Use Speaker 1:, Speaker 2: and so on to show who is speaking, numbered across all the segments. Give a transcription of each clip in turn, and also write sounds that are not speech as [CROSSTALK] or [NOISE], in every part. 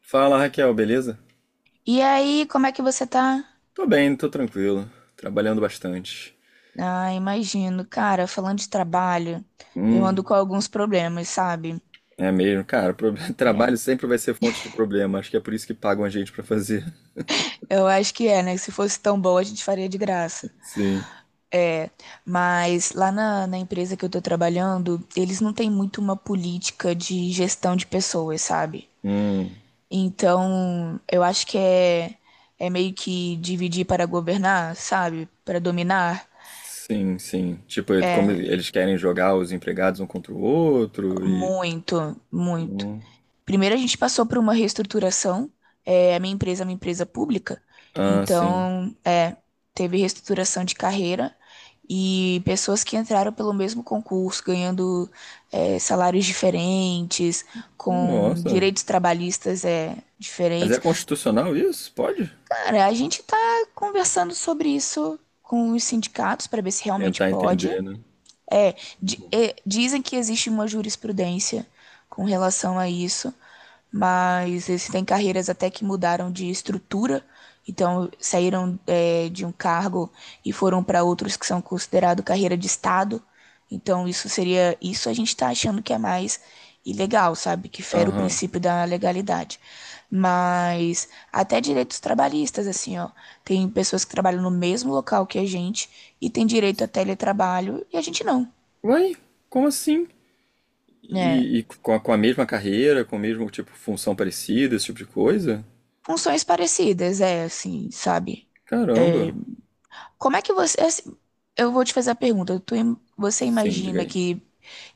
Speaker 1: Fala, Raquel, beleza?
Speaker 2: E aí, como é que você tá?
Speaker 1: Tô bem, tô tranquilo, trabalhando bastante.
Speaker 2: Ah, imagino. Cara, falando de trabalho, eu ando
Speaker 1: Hum,
Speaker 2: com alguns problemas, sabe?
Speaker 1: É mesmo, cara, [LAUGHS]
Speaker 2: É.
Speaker 1: trabalho sempre vai ser fonte de problema, acho que é por isso que pagam a gente pra fazer.
Speaker 2: Eu acho que é, né? Se fosse tão bom, a gente faria de graça.
Speaker 1: [LAUGHS] Sim.
Speaker 2: É, mas lá na empresa que eu tô trabalhando, eles não têm muito uma política de gestão de pessoas, sabe?
Speaker 1: Hum,
Speaker 2: Então, eu acho que é meio que dividir para governar, sabe? Para dominar.
Speaker 1: sim, sim. Tipo, como eles querem jogar os empregados um contra o outro e.
Speaker 2: Muito, muito.
Speaker 1: Hum,
Speaker 2: Primeiro a gente passou por uma reestruturação, a minha empresa é uma empresa pública,
Speaker 1: ah, sim.
Speaker 2: então teve reestruturação de carreira e pessoas que entraram pelo mesmo concurso, ganhando salários diferentes, com
Speaker 1: Nossa,
Speaker 2: direitos trabalhistas
Speaker 1: mas é
Speaker 2: diferentes.
Speaker 1: constitucional isso? Pode?
Speaker 2: Cara, a gente tá conversando sobre isso com os sindicatos para ver se realmente
Speaker 1: Tentar
Speaker 2: pode.
Speaker 1: entender, né?
Speaker 2: É, dizem que existe uma jurisprudência com relação a isso, mas existem carreiras até que mudaram de estrutura, então saíram de um cargo e foram para outros que são considerados carreira de Estado. Então isso seria. Isso a gente está achando que é mais ilegal, sabe? Que fere o
Speaker 1: Aham.
Speaker 2: princípio da legalidade. Mas até direitos trabalhistas, assim, ó. Tem pessoas que trabalham no mesmo local que a gente e tem direito a teletrabalho e a gente não.
Speaker 1: Uai, como assim?
Speaker 2: Né,
Speaker 1: E, com a mesma carreira, com o mesmo tipo função parecida, esse tipo de coisa?
Speaker 2: funções parecidas, é assim, sabe?
Speaker 1: Caramba.
Speaker 2: Como é que você. É assim, eu vou te fazer a pergunta. Você
Speaker 1: Sim, diga
Speaker 2: imagina
Speaker 1: aí.
Speaker 2: que,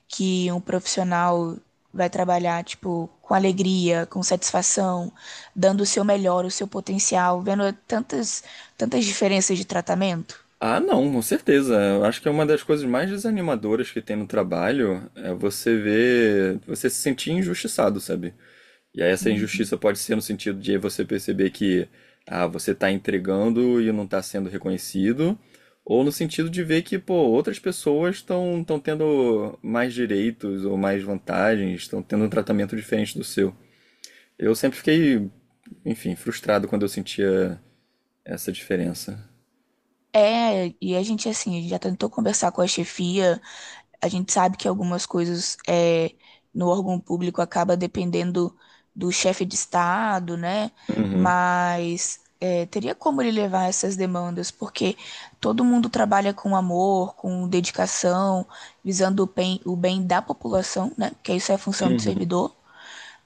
Speaker 2: que um profissional vai trabalhar, tipo, com alegria, com satisfação, dando o seu melhor, o seu potencial, vendo tantas, tantas diferenças de tratamento?
Speaker 1: Ah, não, com certeza. Eu acho que é uma das coisas mais desanimadoras que tem no trabalho é você ver, você se sentir injustiçado, sabe? E aí essa injustiça pode ser no sentido de você perceber que ah, você tá entregando e não tá sendo reconhecido, ou no sentido de ver que, pô, outras pessoas estão tendo mais direitos ou mais vantagens, estão tendo um tratamento diferente do seu. Eu sempre fiquei, enfim, frustrado quando eu sentia essa diferença.
Speaker 2: É, e a gente, assim, a gente já tentou conversar com a chefia. A gente sabe que algumas coisas no órgão público acaba dependendo do chefe de Estado, né?
Speaker 1: Uhum.
Speaker 2: Mas teria como ele levar essas demandas, porque todo mundo trabalha com amor, com dedicação, visando o bem da população, né? Porque isso é a função do
Speaker 1: Uhum.
Speaker 2: servidor.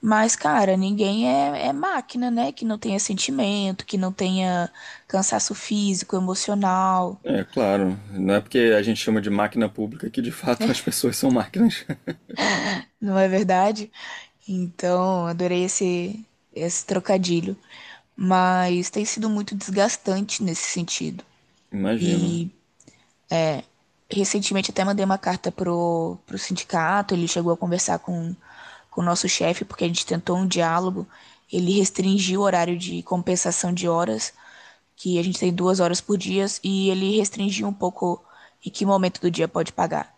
Speaker 2: Mas, cara, ninguém é máquina, né? Que não tenha sentimento, que não tenha cansaço físico, emocional.
Speaker 1: É, claro. Não é porque a gente chama de máquina pública que de fato as pessoas são máquinas. [LAUGHS]
Speaker 2: Não é verdade? Então, adorei esse trocadilho. Mas tem sido muito desgastante nesse sentido.
Speaker 1: Imagino.
Speaker 2: E recentemente até mandei uma carta pro sindicato. Ele chegou a conversar com o nosso chefe, porque a gente tentou um diálogo. Ele restringiu o horário de compensação de horas, que a gente tem 2 horas por dia, e ele restringiu um pouco em que momento do dia pode pagar.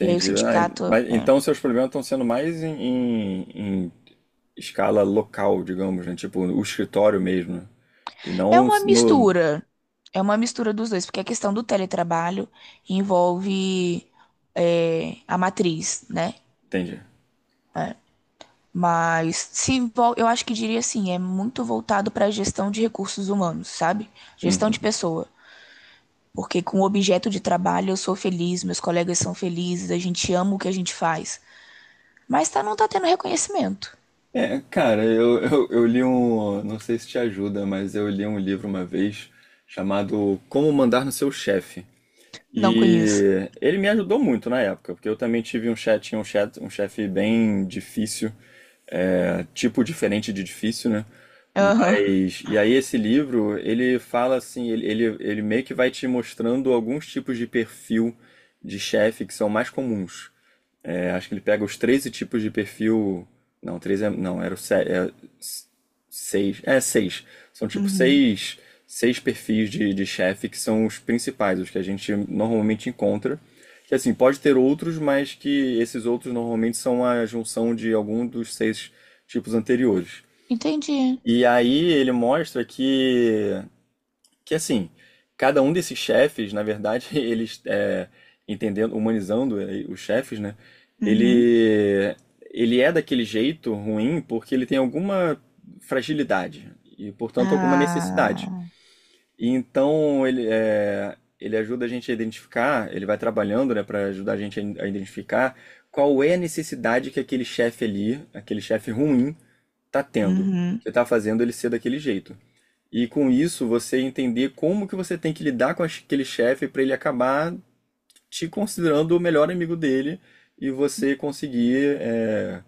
Speaker 2: E aí o
Speaker 1: Ah,
Speaker 2: sindicato.
Speaker 1: mas então seus problemas estão sendo mais em escala local, digamos, né? Tipo, o escritório mesmo, né? E
Speaker 2: É
Speaker 1: não
Speaker 2: uma
Speaker 1: no.
Speaker 2: mistura. É uma mistura dos dois, porque a questão do teletrabalho envolve a matriz, né?
Speaker 1: Entendi.
Speaker 2: Mas se envol- eu acho que diria assim, é muito voltado para a gestão de recursos humanos, sabe? Gestão de
Speaker 1: Uhum.
Speaker 2: pessoa. Porque com o objeto de trabalho eu sou feliz, meus colegas são felizes, a gente ama o que a gente faz. Mas tá, não tá tendo reconhecimento.
Speaker 1: É, cara, eu li um. Não sei se te ajuda, mas eu li um livro uma vez chamado Como Mandar no Seu Chefe.
Speaker 2: Não conheço.
Speaker 1: E ele me ajudou muito na época, porque eu também tive um chat, tinha um chat, um chefe bem difícil, é, tipo diferente de difícil, né?
Speaker 2: Aham.
Speaker 1: Mas, e aí esse livro, ele fala assim, ele meio que vai te mostrando alguns tipos de perfil de chefe que são mais comuns. É, acho que ele pega os 13 tipos de perfil. Não, 13 é, não, era o 7. Seis. É, seis. São tipo
Speaker 2: Uhum.
Speaker 1: seis, seis perfis de chefe que são os principais, os que a gente normalmente encontra. Que assim, pode ter outros, mas que esses outros normalmente são a junção de algum dos seis tipos anteriores.
Speaker 2: Entendi.
Speaker 1: E aí ele mostra que assim, cada um desses chefes, na verdade, [LAUGHS] eles é, entendendo, humanizando os chefes, né?
Speaker 2: Uhum.
Speaker 1: Ele ele é daquele jeito ruim porque ele tem alguma fragilidade e, portanto, alguma necessidade.
Speaker 2: Ah.
Speaker 1: E então ele é, ele ajuda a gente a identificar, ele vai trabalhando, né, para ajudar a gente a identificar qual é a necessidade que aquele chefe ali, aquele chefe ruim, tá tendo,
Speaker 2: Uhum.
Speaker 1: que tá fazendo ele ser daquele jeito. E com isso você entender como que você tem que lidar com aquele chefe para ele acabar te considerando o melhor amigo dele e você conseguir é,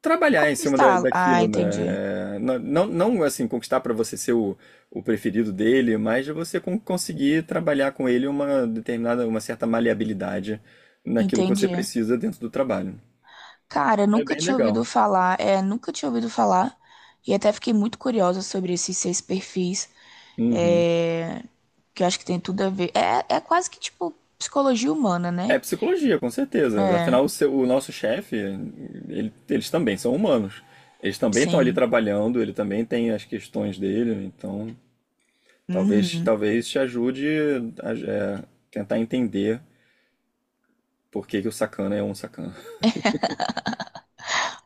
Speaker 1: trabalhar em cima
Speaker 2: Conquistá-lo. Ah,
Speaker 1: daquilo,
Speaker 2: entendi.
Speaker 1: né? É, não, não assim conquistar para você ser o preferido dele, mas de você conseguir trabalhar com ele uma determinada, uma certa maleabilidade naquilo que você
Speaker 2: Entendi.
Speaker 1: precisa dentro do trabalho.
Speaker 2: Cara,
Speaker 1: É
Speaker 2: nunca
Speaker 1: bem
Speaker 2: tinha
Speaker 1: legal.
Speaker 2: ouvido falar, é, nunca tinha ouvido falar, e até fiquei muito curiosa sobre esses seis perfis,
Speaker 1: Uhum.
Speaker 2: é, que eu acho que tem tudo a ver. É quase que tipo psicologia humana,
Speaker 1: É
Speaker 2: né?
Speaker 1: psicologia, com certeza.
Speaker 2: É,
Speaker 1: Afinal, o, o nosso chefe, eles também são humanos. Eles também estão ali
Speaker 2: sim.
Speaker 1: trabalhando, ele também tem as questões dele, então talvez
Speaker 2: Uhum.
Speaker 1: talvez te ajude a é, tentar entender por que que o sacana é um sacana.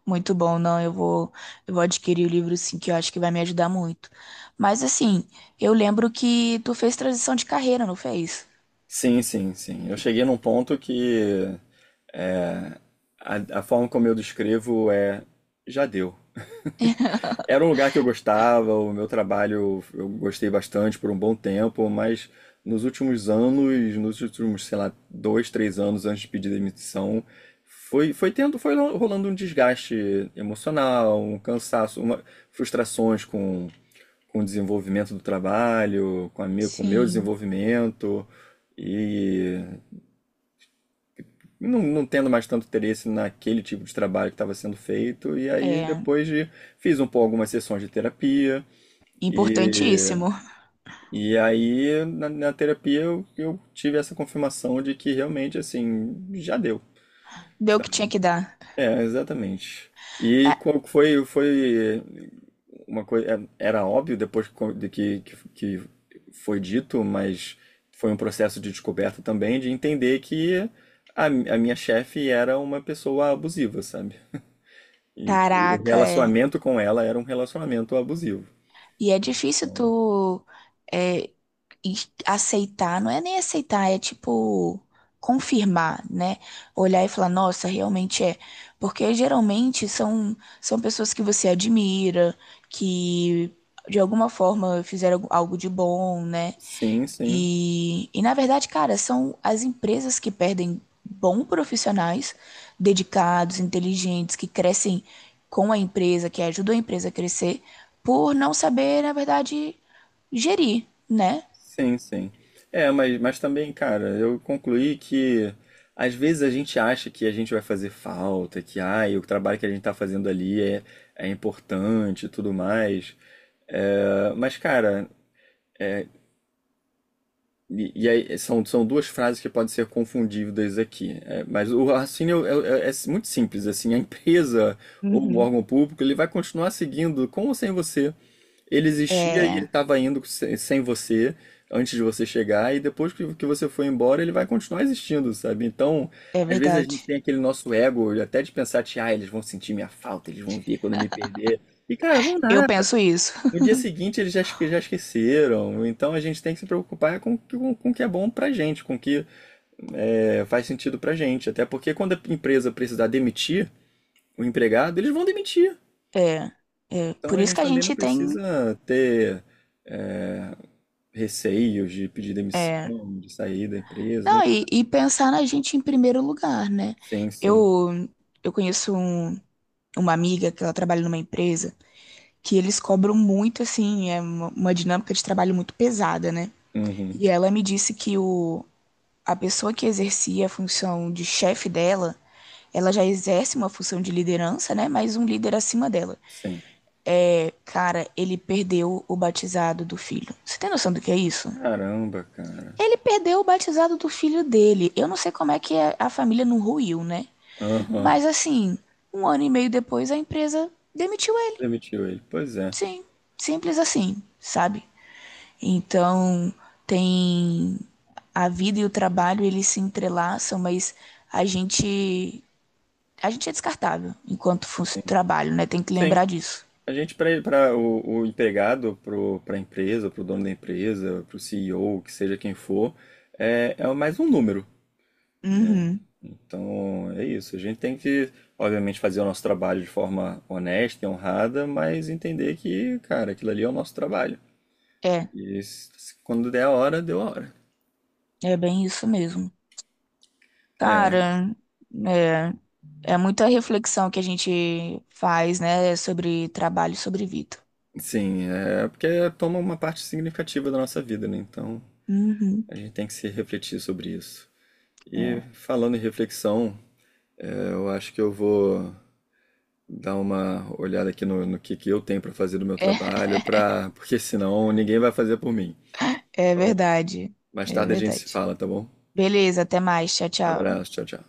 Speaker 2: Muito bom, não, eu vou adquirir o livro, sim, que eu acho que vai me ajudar muito. Mas assim, eu lembro que tu fez transição de carreira, não fez?
Speaker 1: Sim, sim, sim. Eu cheguei num ponto que é, a forma como eu descrevo é já deu. Era um lugar que eu gostava, o meu trabalho eu gostei bastante por um bom tempo, mas nos últimos anos, nos últimos, sei lá, dois, três anos antes de pedir demissão, foi, foi tendo, foi rolando um desgaste emocional, um cansaço, uma, frustrações com o desenvolvimento do trabalho, com a minha, com o meu
Speaker 2: Sim,
Speaker 1: desenvolvimento e não, não tendo mais tanto interesse naquele tipo de trabalho que estava sendo feito. E aí
Speaker 2: é
Speaker 1: depois de, fiz um pouco algumas sessões de terapia, e,
Speaker 2: importantíssimo.
Speaker 1: e aí, na terapia, eu tive essa confirmação de que realmente, assim, já deu,
Speaker 2: Deu o que
Speaker 1: sabe?
Speaker 2: tinha que dar.
Speaker 1: É, exatamente. E
Speaker 2: É.
Speaker 1: qual que foi, foi uma coisa, era óbvio depois de que foi dito, mas foi um processo de descoberta também, de entender que a minha chefe era uma pessoa abusiva, sabe? E que o
Speaker 2: Caraca, é.
Speaker 1: relacionamento com ela era um relacionamento abusivo.
Speaker 2: E é difícil
Speaker 1: Então,
Speaker 2: tu é, e- aceitar, não é nem aceitar, é tipo confirmar, né? Olhar e falar, nossa, realmente é. Porque geralmente são pessoas que você admira, que de alguma forma fizeram algo de bom, né?
Speaker 1: sim, sim.
Speaker 2: E na verdade, cara, são as empresas que perdem bons profissionais, dedicados, inteligentes, que crescem com a empresa, que ajudam a empresa a crescer, por não saber, na verdade, gerir, né?
Speaker 1: Sim, sim. É, mas também, cara, eu concluí que às vezes a gente acha que a gente vai fazer falta, que ai, o trabalho que a gente tá fazendo ali é, é importante e tudo mais. É, mas, cara, é, e aí, são, são duas frases que podem ser confundidas aqui. É, mas o raciocínio é, é muito simples, assim, a empresa ou o
Speaker 2: Uhum.
Speaker 1: órgão público, ele vai continuar seguindo com ou sem você. Ele existia e ele
Speaker 2: É,
Speaker 1: estava indo sem você antes de você chegar, e depois que você foi embora, ele vai continuar existindo, sabe? Então,
Speaker 2: é
Speaker 1: às vezes a gente
Speaker 2: verdade.
Speaker 1: tem aquele nosso ego, até de pensar, que, ah, eles vão sentir minha falta, eles vão vir quando me perder. E, cara, vão
Speaker 2: Eu
Speaker 1: nada.
Speaker 2: penso isso.
Speaker 1: No dia seguinte eles já, já esqueceram. Então a gente tem que se preocupar com, com o que é bom pra gente, com o que é, faz sentido pra gente. Até porque quando a empresa precisar demitir o empregado, eles vão demitir.
Speaker 2: É, é
Speaker 1: Então
Speaker 2: por
Speaker 1: a
Speaker 2: isso
Speaker 1: gente
Speaker 2: que a
Speaker 1: também não
Speaker 2: gente tem.
Speaker 1: precisa ter. É, receios de pedir
Speaker 2: É,
Speaker 1: demissão, de sair da empresa,
Speaker 2: não,
Speaker 1: nem
Speaker 2: e,
Speaker 1: nada.
Speaker 2: e pensar na gente em primeiro lugar, né?
Speaker 1: Sim, sim.
Speaker 2: Eu, eu conheço uma amiga que ela trabalha numa empresa, que eles cobram muito, assim, é uma dinâmica de trabalho muito pesada, né?
Speaker 1: Uhum.
Speaker 2: E ela me disse que o, a pessoa que exercia a função de chefe dela, ela já exerce uma função de liderança, né? Mas um líder acima dela.
Speaker 1: Sim.
Speaker 2: É, cara, ele perdeu o batizado do filho. Você tem noção do que é isso?
Speaker 1: Caramba, cara.
Speaker 2: Ele perdeu o batizado do filho dele. Eu não sei como é que a família não ruiu, né?
Speaker 1: Aham.
Speaker 2: Mas assim, um ano e meio depois a empresa demitiu ele.
Speaker 1: Demitiu ele. Pois é.
Speaker 2: Sim, simples assim, sabe? Então, tem a vida e o trabalho, eles se entrelaçam, mas a gente a gente é descartável enquanto fosse trabalho, né? Tem que
Speaker 1: Sim.
Speaker 2: lembrar disso.
Speaker 1: A gente, para o empregado, para a empresa, para o dono da empresa, para o CEO, que seja quem for, é, é mais um número, né?
Speaker 2: Uhum.
Speaker 1: Então, é isso. A gente tem que, obviamente, fazer o nosso trabalho de forma honesta e honrada, mas entender que, cara, aquilo ali é o nosso trabalho.
Speaker 2: É,
Speaker 1: E quando der a hora, deu a hora.
Speaker 2: é bem isso mesmo.
Speaker 1: É,
Speaker 2: Cara, é, é muita reflexão que a gente faz, né, sobre trabalho, e sobre vida.
Speaker 1: sim, é porque toma uma parte significativa da nossa vida, né? Então
Speaker 2: Uhum.
Speaker 1: a gente tem que se refletir sobre isso. E
Speaker 2: É,
Speaker 1: falando em reflexão, é, eu acho que eu vou dar uma olhada aqui no, no que eu tenho para fazer do meu
Speaker 2: é,
Speaker 1: trabalho, pra... porque senão ninguém vai fazer por mim.
Speaker 2: é
Speaker 1: Então,
Speaker 2: verdade.
Speaker 1: mais
Speaker 2: É
Speaker 1: tarde a gente se
Speaker 2: verdade.
Speaker 1: fala, tá bom?
Speaker 2: Beleza, até mais. Tchau, tchau.
Speaker 1: Abraço, tchau, tchau.